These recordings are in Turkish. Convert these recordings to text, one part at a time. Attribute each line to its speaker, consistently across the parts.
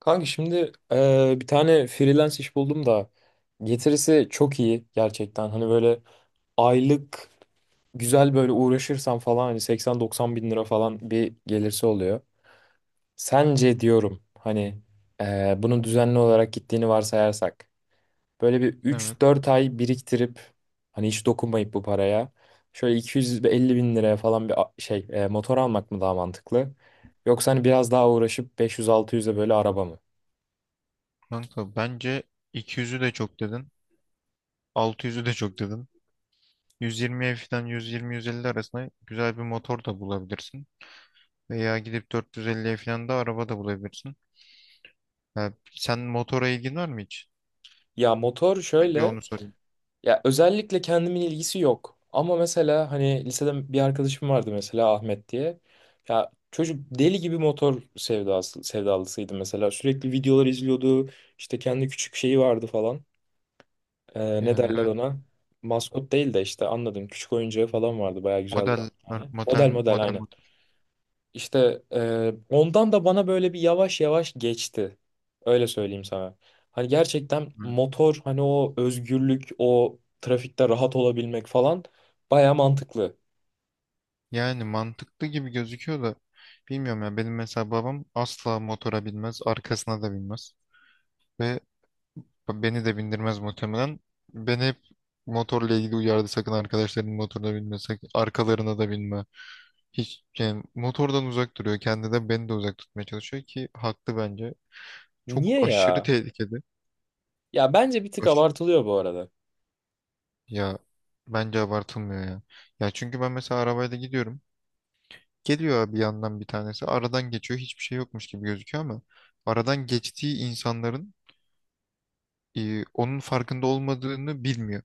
Speaker 1: Kanka şimdi bir tane freelance iş buldum da getirisi çok iyi gerçekten. Hani böyle aylık güzel böyle uğraşırsam falan hani 80-90 bin lira falan bir gelirse oluyor. Sence diyorum hani bunun düzenli olarak gittiğini varsayarsak böyle bir
Speaker 2: Evet,
Speaker 1: üç dört ay biriktirip hani hiç dokunmayıp bu paraya şöyle 250 bin liraya falan bir şey motor almak mı daha mantıklı? Yoksa hani biraz daha uğraşıp 500-600'e böyle araba mı?
Speaker 2: kanka bence 200'ü de çok dedin. 600'ü de çok dedin. 120'ye falan, 120-150 arasında güzel bir motor da bulabilirsin. Veya gidip 450'ye falan da araba da bulabilirsin. Ya, sen motora ilgin var mı hiç?
Speaker 1: Ya motor
Speaker 2: Önce
Speaker 1: şöyle,
Speaker 2: onu sorayım.
Speaker 1: ya özellikle kendimin ilgisi yok. Ama mesela hani lisede bir arkadaşım vardı mesela Ahmet diye. Ya çocuk deli gibi motor sevdası, sevdalısıydı mesela. Sürekli videolar izliyordu. İşte kendi küçük şeyi vardı falan. Ne
Speaker 2: Yani
Speaker 1: derler
Speaker 2: evet,
Speaker 1: ona? Maskot değil de işte anladım. Küçük oyuncağı falan vardı. Baya güzel
Speaker 2: model
Speaker 1: duran yani.
Speaker 2: model
Speaker 1: Model model
Speaker 2: model
Speaker 1: aynen.
Speaker 2: motor.
Speaker 1: İşte ondan da bana böyle bir yavaş yavaş geçti. Öyle söyleyeyim sana. Hani gerçekten
Speaker 2: Evet.
Speaker 1: motor hani o özgürlük, o trafikte rahat olabilmek falan baya mantıklı.
Speaker 2: Yani mantıklı gibi gözüküyor da bilmiyorum ya, benim mesela babam asla motora binmez, arkasına da binmez. Ve beni de bindirmez muhtemelen. Beni hep motorla ilgili uyardı: sakın arkadaşların motoruna binme, sakın arkalarına da binme. Hiç yani motordan uzak duruyor. Kendi de beni de uzak tutmaya çalışıyor ki haklı bence. Çok
Speaker 1: Niye
Speaker 2: aşırı
Speaker 1: ya?
Speaker 2: tehlikeli.
Speaker 1: Ya bence bir tık
Speaker 2: Aş-
Speaker 1: abartılıyor bu arada.
Speaker 2: Ya, bence abartılmıyor ya. Ya çünkü ben mesela arabayla gidiyorum. Geliyor abi, yandan bir tanesi. Aradan geçiyor. Hiçbir şey yokmuş gibi gözüküyor ama aradan geçtiği insanların onun farkında olmadığını bilmiyor.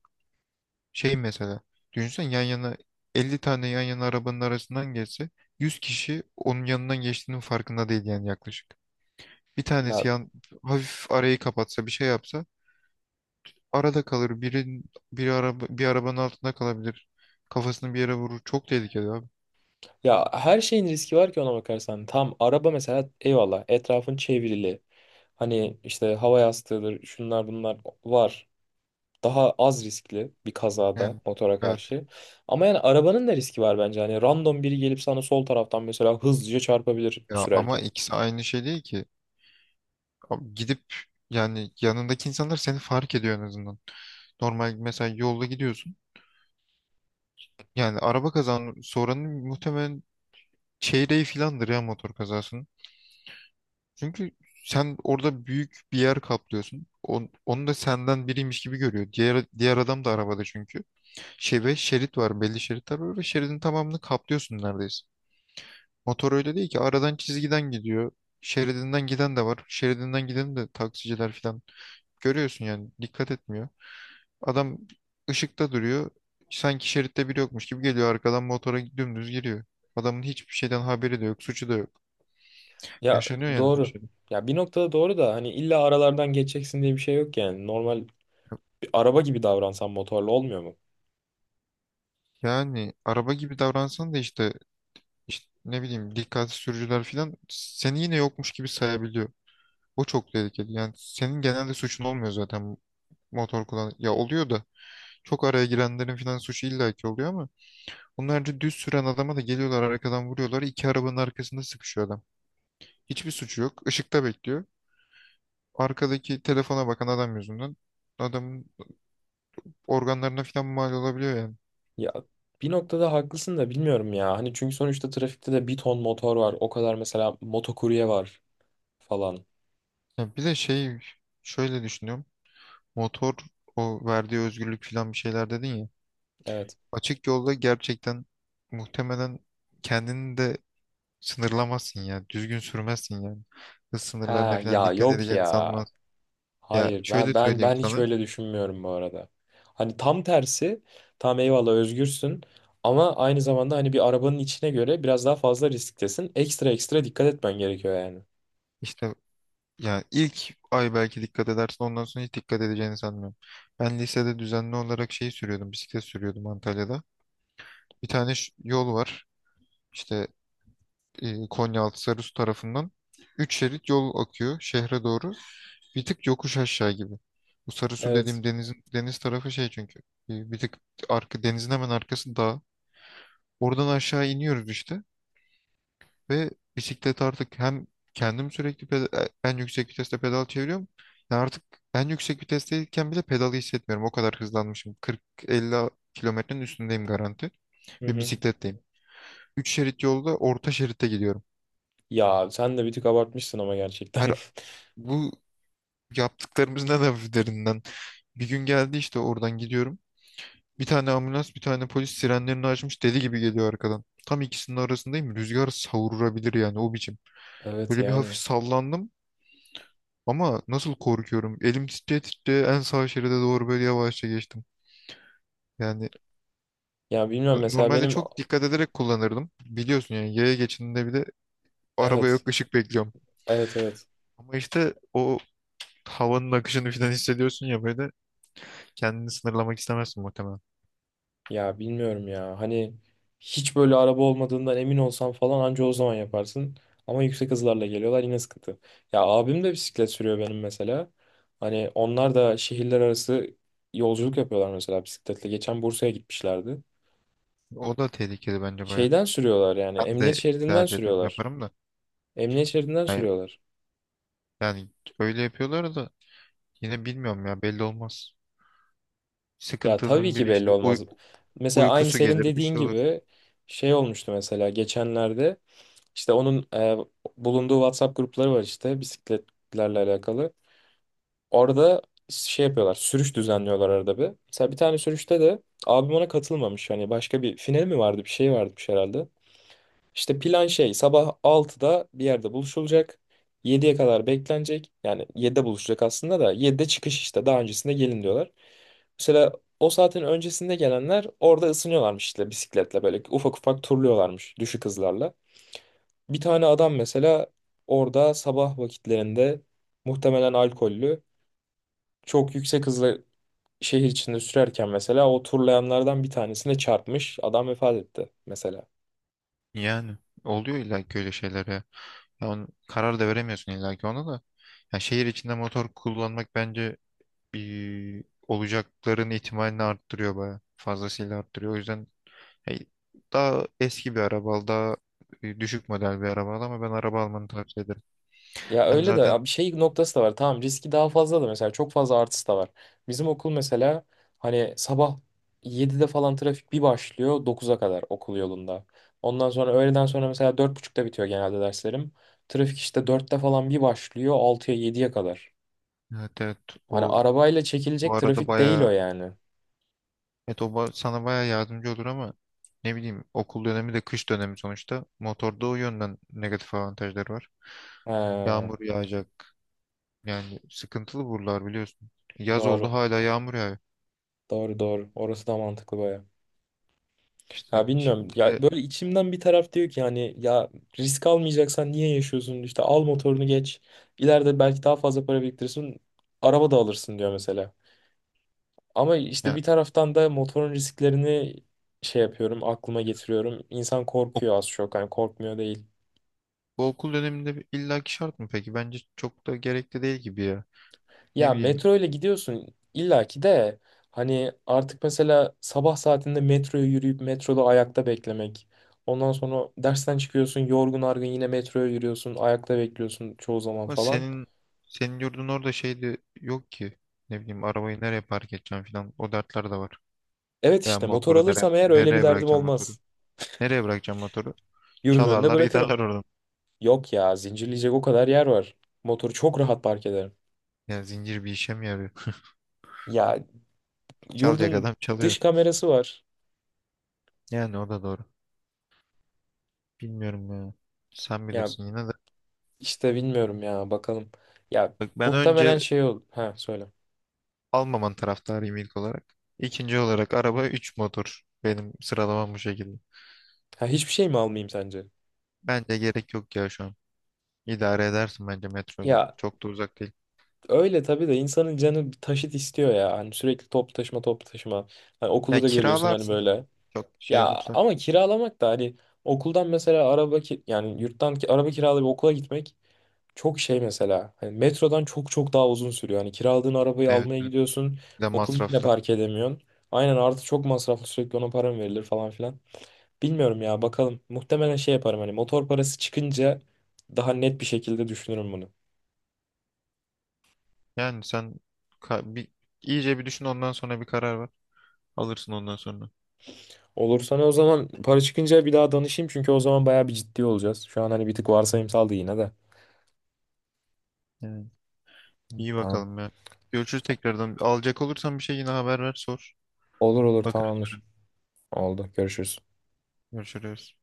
Speaker 2: Şey mesela, düşünsen yan yana 50 tane yan yana arabanın arasından geçse, 100 kişi onun yanından geçtiğinin farkında değil yani, yaklaşık. Bir tanesi
Speaker 1: Ya
Speaker 2: yan, hafif arayı kapatsa, bir şey yapsa arada kalır. Biri, bir araba bir arabanın altında kalabilir. Kafasını bir yere vurur. Çok tehlikeli abi.
Speaker 1: ya her şeyin riski var ki ona bakarsan. Tam araba mesela eyvallah etrafın çevrili. Hani işte hava yastığıdır, şunlar bunlar var. Daha az riskli bir kazada
Speaker 2: Yani,
Speaker 1: motora
Speaker 2: evet.
Speaker 1: karşı. Ama yani arabanın da riski var bence. Hani random biri gelip sana sol taraftan mesela hızlıca çarpabilir
Speaker 2: Ya ama
Speaker 1: sürerken.
Speaker 2: ikisi aynı şey değil ki. Abi, gidip yani, yanındaki insanlar seni fark ediyor en azından. Normal mesela yolda gidiyorsun. Yani araba kazan soranın muhtemelen çeyreği filandır ya motor kazasının. Çünkü sen orada büyük bir yer kaplıyorsun. Onu da senden biriymiş gibi görüyor. Diğer adam da arabada çünkü. Şey, ve şerit var, belli şeritler var ve şeridin tamamını kaplıyorsun neredeyse. Motor öyle değil ki, aradan, çizgiden gidiyor. Şeridinden giden de var. Şeridinden giden de taksiciler filan. Görüyorsun yani dikkat etmiyor. Adam ışıkta duruyor. Sanki şeritte biri yokmuş gibi geliyor arkadan motora dümdüz giriyor. Adamın hiçbir şeyden haberi de yok, suçu da yok.
Speaker 1: Ya,
Speaker 2: Yaşanıyor yani bir.
Speaker 1: doğru. Ya bir noktada doğru da hani illa aralardan geçeceksin diye bir şey yok yani. Normal bir araba gibi davransan motorla olmuyor mu?
Speaker 2: Yani araba gibi davransan da işte, ne bileyim, dikkatsiz sürücüler falan seni yine yokmuş gibi sayabiliyor. O çok tehlikeli. Yani senin genelde suçun olmuyor zaten motor kullan. Ya, oluyor da, çok araya girenlerin falan suçu illaki oluyor ama onlarca düz süren adama da geliyorlar arkadan vuruyorlar. İki arabanın arkasında sıkışıyor adam. Hiçbir suçu yok. Işıkta bekliyor. Arkadaki telefona bakan adam yüzünden adamın organlarına falan mal olabiliyor yani.
Speaker 1: Ya bir noktada haklısın da bilmiyorum ya. Hani çünkü sonuçta trafikte de bir ton motor var. O kadar mesela motokurye var falan.
Speaker 2: Ya bir de şey, şöyle düşünüyorum. Motor, o verdiği özgürlük falan, bir şeyler dedin ya.
Speaker 1: Evet.
Speaker 2: Açık yolda gerçekten muhtemelen kendini de sınırlamazsın ya. Düzgün sürmezsin yani. Hız sınırlarına
Speaker 1: Ha
Speaker 2: falan
Speaker 1: ya
Speaker 2: dikkat
Speaker 1: yok
Speaker 2: edeceğini
Speaker 1: ya.
Speaker 2: sanmaz. Ya,
Speaker 1: Hayır, ben
Speaker 2: şöyle
Speaker 1: ben
Speaker 2: söyleyeyim
Speaker 1: ben hiç
Speaker 2: sana.
Speaker 1: öyle düşünmüyorum bu arada. Hani tam tersi, tam eyvallah özgürsün ama aynı zamanda hani bir arabanın içine göre biraz daha fazla risktesin. Ekstra ekstra dikkat etmen gerekiyor yani.
Speaker 2: İşte, ya ilk ay belki dikkat edersin, ondan sonra hiç dikkat edeceğini sanmıyorum. Ben lisede düzenli olarak şey sürüyordum. Bisiklet sürüyordum Antalya'da. Bir tane yol var. İşte Konyaaltı Sarısu tarafından. Üç şerit yol akıyor şehre doğru. Bir tık yokuş aşağı gibi. Bu Sarısu
Speaker 1: Evet.
Speaker 2: dediğim denizin, deniz tarafı şey çünkü. Bir tık arka, denizin hemen arkası dağ. Oradan aşağı iniyoruz işte ve bisiklet artık, hem kendim sürekli en yüksek viteste pedal çeviriyorum. Yani artık en yüksek vitesteyken bile pedalı hissetmiyorum. O kadar hızlanmışım. 40-50 kilometrenin üstündeyim garanti
Speaker 1: Hı
Speaker 2: ve
Speaker 1: hı.
Speaker 2: bisikletteyim. 3 şerit yolda orta şeritte gidiyorum.
Speaker 1: Ya sen de bir tık abartmışsın ama
Speaker 2: Her,
Speaker 1: gerçekten.
Speaker 2: bu yaptıklarımızın en hafiflerinden. Bir gün geldi işte, oradan gidiyorum. Bir tane ambulans, bir tane polis sirenlerini açmış deli gibi geliyor arkadan. Tam ikisinin arasındayım. Rüzgar savurabilir yani, o biçim.
Speaker 1: Evet
Speaker 2: Böyle bir hafif
Speaker 1: yani.
Speaker 2: sallandım ama nasıl korkuyorum. Elim titreye titreye en sağ şeride doğru böyle yavaşça geçtim. Yani
Speaker 1: Ya bilmiyorum mesela
Speaker 2: normalde
Speaker 1: benim
Speaker 2: çok dikkat ederek kullanırdım. Biliyorsun yani, yaya geçidinde, bir de araba
Speaker 1: evet.
Speaker 2: yok, ışık bekliyorum.
Speaker 1: Evet, evet.
Speaker 2: Ama işte o havanın akışını falan hissediyorsun ya, böyle kendini sınırlamak istemezsin muhtemelen.
Speaker 1: Ya bilmiyorum ya. Hani hiç böyle araba olmadığından emin olsam falan anca o zaman yaparsın. Ama yüksek hızlarla geliyorlar yine sıkıntı. Ya abim de bisiklet sürüyor benim mesela. Hani onlar da şehirler arası yolculuk yapıyorlar mesela bisikletle. Geçen Bursa'ya gitmişlerdi.
Speaker 2: O da tehlikeli bence bayağı.
Speaker 1: Şeyden sürüyorlar yani
Speaker 2: Ben
Speaker 1: emniyet
Speaker 2: de
Speaker 1: şeridinden
Speaker 2: tercih ederim,
Speaker 1: sürüyorlar.
Speaker 2: yaparım da.
Speaker 1: Emniyet şeridinden
Speaker 2: Yani,
Speaker 1: sürüyorlar.
Speaker 2: yani öyle yapıyorlar da yine, bilmiyorum ya, belli olmaz.
Speaker 1: Ya tabii
Speaker 2: Sıkıntılının
Speaker 1: ki
Speaker 2: biri
Speaker 1: belli
Speaker 2: işte,
Speaker 1: olmaz. Mesela aynı
Speaker 2: uykusu
Speaker 1: senin
Speaker 2: gelir, bir
Speaker 1: dediğin
Speaker 2: şey olur.
Speaker 1: gibi şey olmuştu mesela geçenlerde. İşte onun bulunduğu WhatsApp grupları var işte bisikletlerle alakalı. Orada şey yapıyorlar, sürüş düzenliyorlar arada bir. Mesela bir tane sürüşte de abim ona katılmamış. Hani başka bir final mi vardı, bir şey varmış herhalde. İşte plan şey, sabah 6'da bir yerde buluşulacak. 7'ye kadar beklenecek. Yani 7'de buluşacak aslında da 7'de çıkış işte. Daha öncesinde gelin diyorlar. Mesela o saatin öncesinde gelenler orada ısınıyorlarmış işte bisikletle böyle ufak ufak turluyorlarmış düşük hızlarla. Bir tane adam mesela orada sabah vakitlerinde muhtemelen alkollü çok yüksek hızla şehir içinde sürerken mesela o turlayanlardan bir tanesine çarpmış, adam vefat etti mesela.
Speaker 2: Yani oluyor illa ki öyle şeyler ya. Ya karar da veremiyorsun illa ki ona da. Ya, şehir içinde motor kullanmak bence bir olacakların ihtimalini arttırıyor bayağı. Fazlasıyla arttırıyor. O yüzden hey, daha eski bir araba al, daha düşük model bir araba al, ama ben araba almanı tavsiye ederim.
Speaker 1: Ya
Speaker 2: Hem
Speaker 1: öyle de
Speaker 2: zaten.
Speaker 1: ya bir şey noktası da var, tamam riski daha fazla da mesela çok fazla artısı da var. Bizim okul mesela hani sabah 7'de falan trafik bir başlıyor 9'a kadar okul yolunda. Ondan sonra öğleden sonra mesela 4.30'da bitiyor genelde derslerim. Trafik işte 4'te falan bir başlıyor 6'ya 7'ye kadar.
Speaker 2: Evet, evet.
Speaker 1: Hani
Speaker 2: O
Speaker 1: arabayla
Speaker 2: bu
Speaker 1: çekilecek
Speaker 2: arada
Speaker 1: trafik değil
Speaker 2: baya,
Speaker 1: o yani.
Speaker 2: evet. O sana baya yardımcı olur ama ne bileyim, okul dönemi de, kış dönemi sonuçta, motorda o yönden negatif avantajları var.
Speaker 1: Ha,
Speaker 2: Yağmur yağacak yani, sıkıntılı buralar biliyorsun. Yaz oldu
Speaker 1: doğru.
Speaker 2: hala yağmur yağıyor.
Speaker 1: Doğru, doğru. Orası da mantıklı baya.
Speaker 2: İşte
Speaker 1: Ya bilmiyorum.
Speaker 2: şimdi bir
Speaker 1: Ya
Speaker 2: de,
Speaker 1: böyle içimden bir taraf diyor ki hani ya, risk almayacaksan niye yaşıyorsun? İşte al motorunu geç. İleride belki daha fazla para biriktirirsin. Araba da alırsın diyor mesela. Ama işte
Speaker 2: yani
Speaker 1: bir taraftan da motorun risklerini şey yapıyorum, aklıma getiriyorum. İnsan
Speaker 2: ok,
Speaker 1: korkuyor az çok. Hani korkmuyor değil.
Speaker 2: bu okul döneminde bir illaki şart mı peki? Bence çok da gerekli değil gibi ya. Ne
Speaker 1: Ya
Speaker 2: bileyim,
Speaker 1: metro ile gidiyorsun illaki de hani artık mesela sabah saatinde metroya yürüyüp metroda ayakta beklemek. Ondan sonra dersten çıkıyorsun yorgun argın yine metroya yürüyorsun ayakta bekliyorsun çoğu zaman
Speaker 2: ama
Speaker 1: falan.
Speaker 2: senin yurdun orada şey de yok ki, ne bileyim, arabayı nereye park edeceğim falan, o dertler de var.
Speaker 1: Evet
Speaker 2: Ben
Speaker 1: işte motor
Speaker 2: motoru nereye,
Speaker 1: alırsam eğer öyle bir
Speaker 2: nereye
Speaker 1: derdim
Speaker 2: bırakacağım motoru?
Speaker 1: olmaz.
Speaker 2: Nereye bırakacağım motoru?
Speaker 1: Yurdun önüne
Speaker 2: Çalarlar
Speaker 1: bırakırım.
Speaker 2: giderler oradan.
Speaker 1: Yok ya, zincirleyecek o kadar yer var. Motoru çok rahat park ederim.
Speaker 2: Ya, zincir bir işe mi yarıyor?
Speaker 1: Ya
Speaker 2: Çalacak
Speaker 1: yurdun
Speaker 2: adam çalıyor.
Speaker 1: dış kamerası var.
Speaker 2: Yani o da doğru. Bilmiyorum ya. Sen
Speaker 1: Ya
Speaker 2: bilirsin yine de.
Speaker 1: işte bilmiyorum ya bakalım. Ya
Speaker 2: Bak, ben
Speaker 1: muhtemelen
Speaker 2: önce
Speaker 1: şey ol. Ha söyle.
Speaker 2: almaman taraftarıyım ilk olarak. İkinci olarak araba, 3 motor. Benim sıralamam bu şekilde.
Speaker 1: Ha, hiçbir şey mi almayayım sence?
Speaker 2: Bence gerek yok ya şu an. İdare edersin bence metroyla.
Speaker 1: Ya
Speaker 2: Çok da uzak değil.
Speaker 1: öyle tabii de insanın canı bir taşıt istiyor ya. Hani sürekli toplu taşıma, toplu taşıma. Hani okulda
Speaker 2: Ya,
Speaker 1: da görüyorsun hani
Speaker 2: kiralarsın.
Speaker 1: böyle.
Speaker 2: Çok şey
Speaker 1: Ya
Speaker 2: olursa.
Speaker 1: ama kiralamak da hani okuldan mesela araba ki yani yurttan ki araba kiralayıp okula gitmek çok şey mesela. Hani metrodan çok çok daha uzun sürüyor. Hani kiraladığın arabayı
Speaker 2: Evet,
Speaker 1: almaya
Speaker 2: evet.
Speaker 1: gidiyorsun.
Speaker 2: Bir de
Speaker 1: Okulun içine
Speaker 2: masraflı.
Speaker 1: park edemiyorsun. Aynen, artı çok masraflı, sürekli ona para mı verilir falan filan. Bilmiyorum ya bakalım. Muhtemelen şey yaparım hani motor parası çıkınca daha net bir şekilde düşünürüm bunu.
Speaker 2: Yani sen, bir, iyice bir düşün, ondan sonra bir karar ver. Alırsın ondan sonra.
Speaker 1: Olur, sana o zaman para çıkınca bir daha danışayım çünkü o zaman bayağı bir ciddi olacağız. Şu an hani bir tık varsayımsaldı yine de.
Speaker 2: Evet. İyi,
Speaker 1: Tamam.
Speaker 2: bakalım ya. Görüşürüz tekrardan. Alacak olursan bir şey, yine haber ver, sor.
Speaker 1: Olur, olur,
Speaker 2: Bakar.
Speaker 1: tamamdır. Oldu. Görüşürüz.
Speaker 2: Görüşürüz.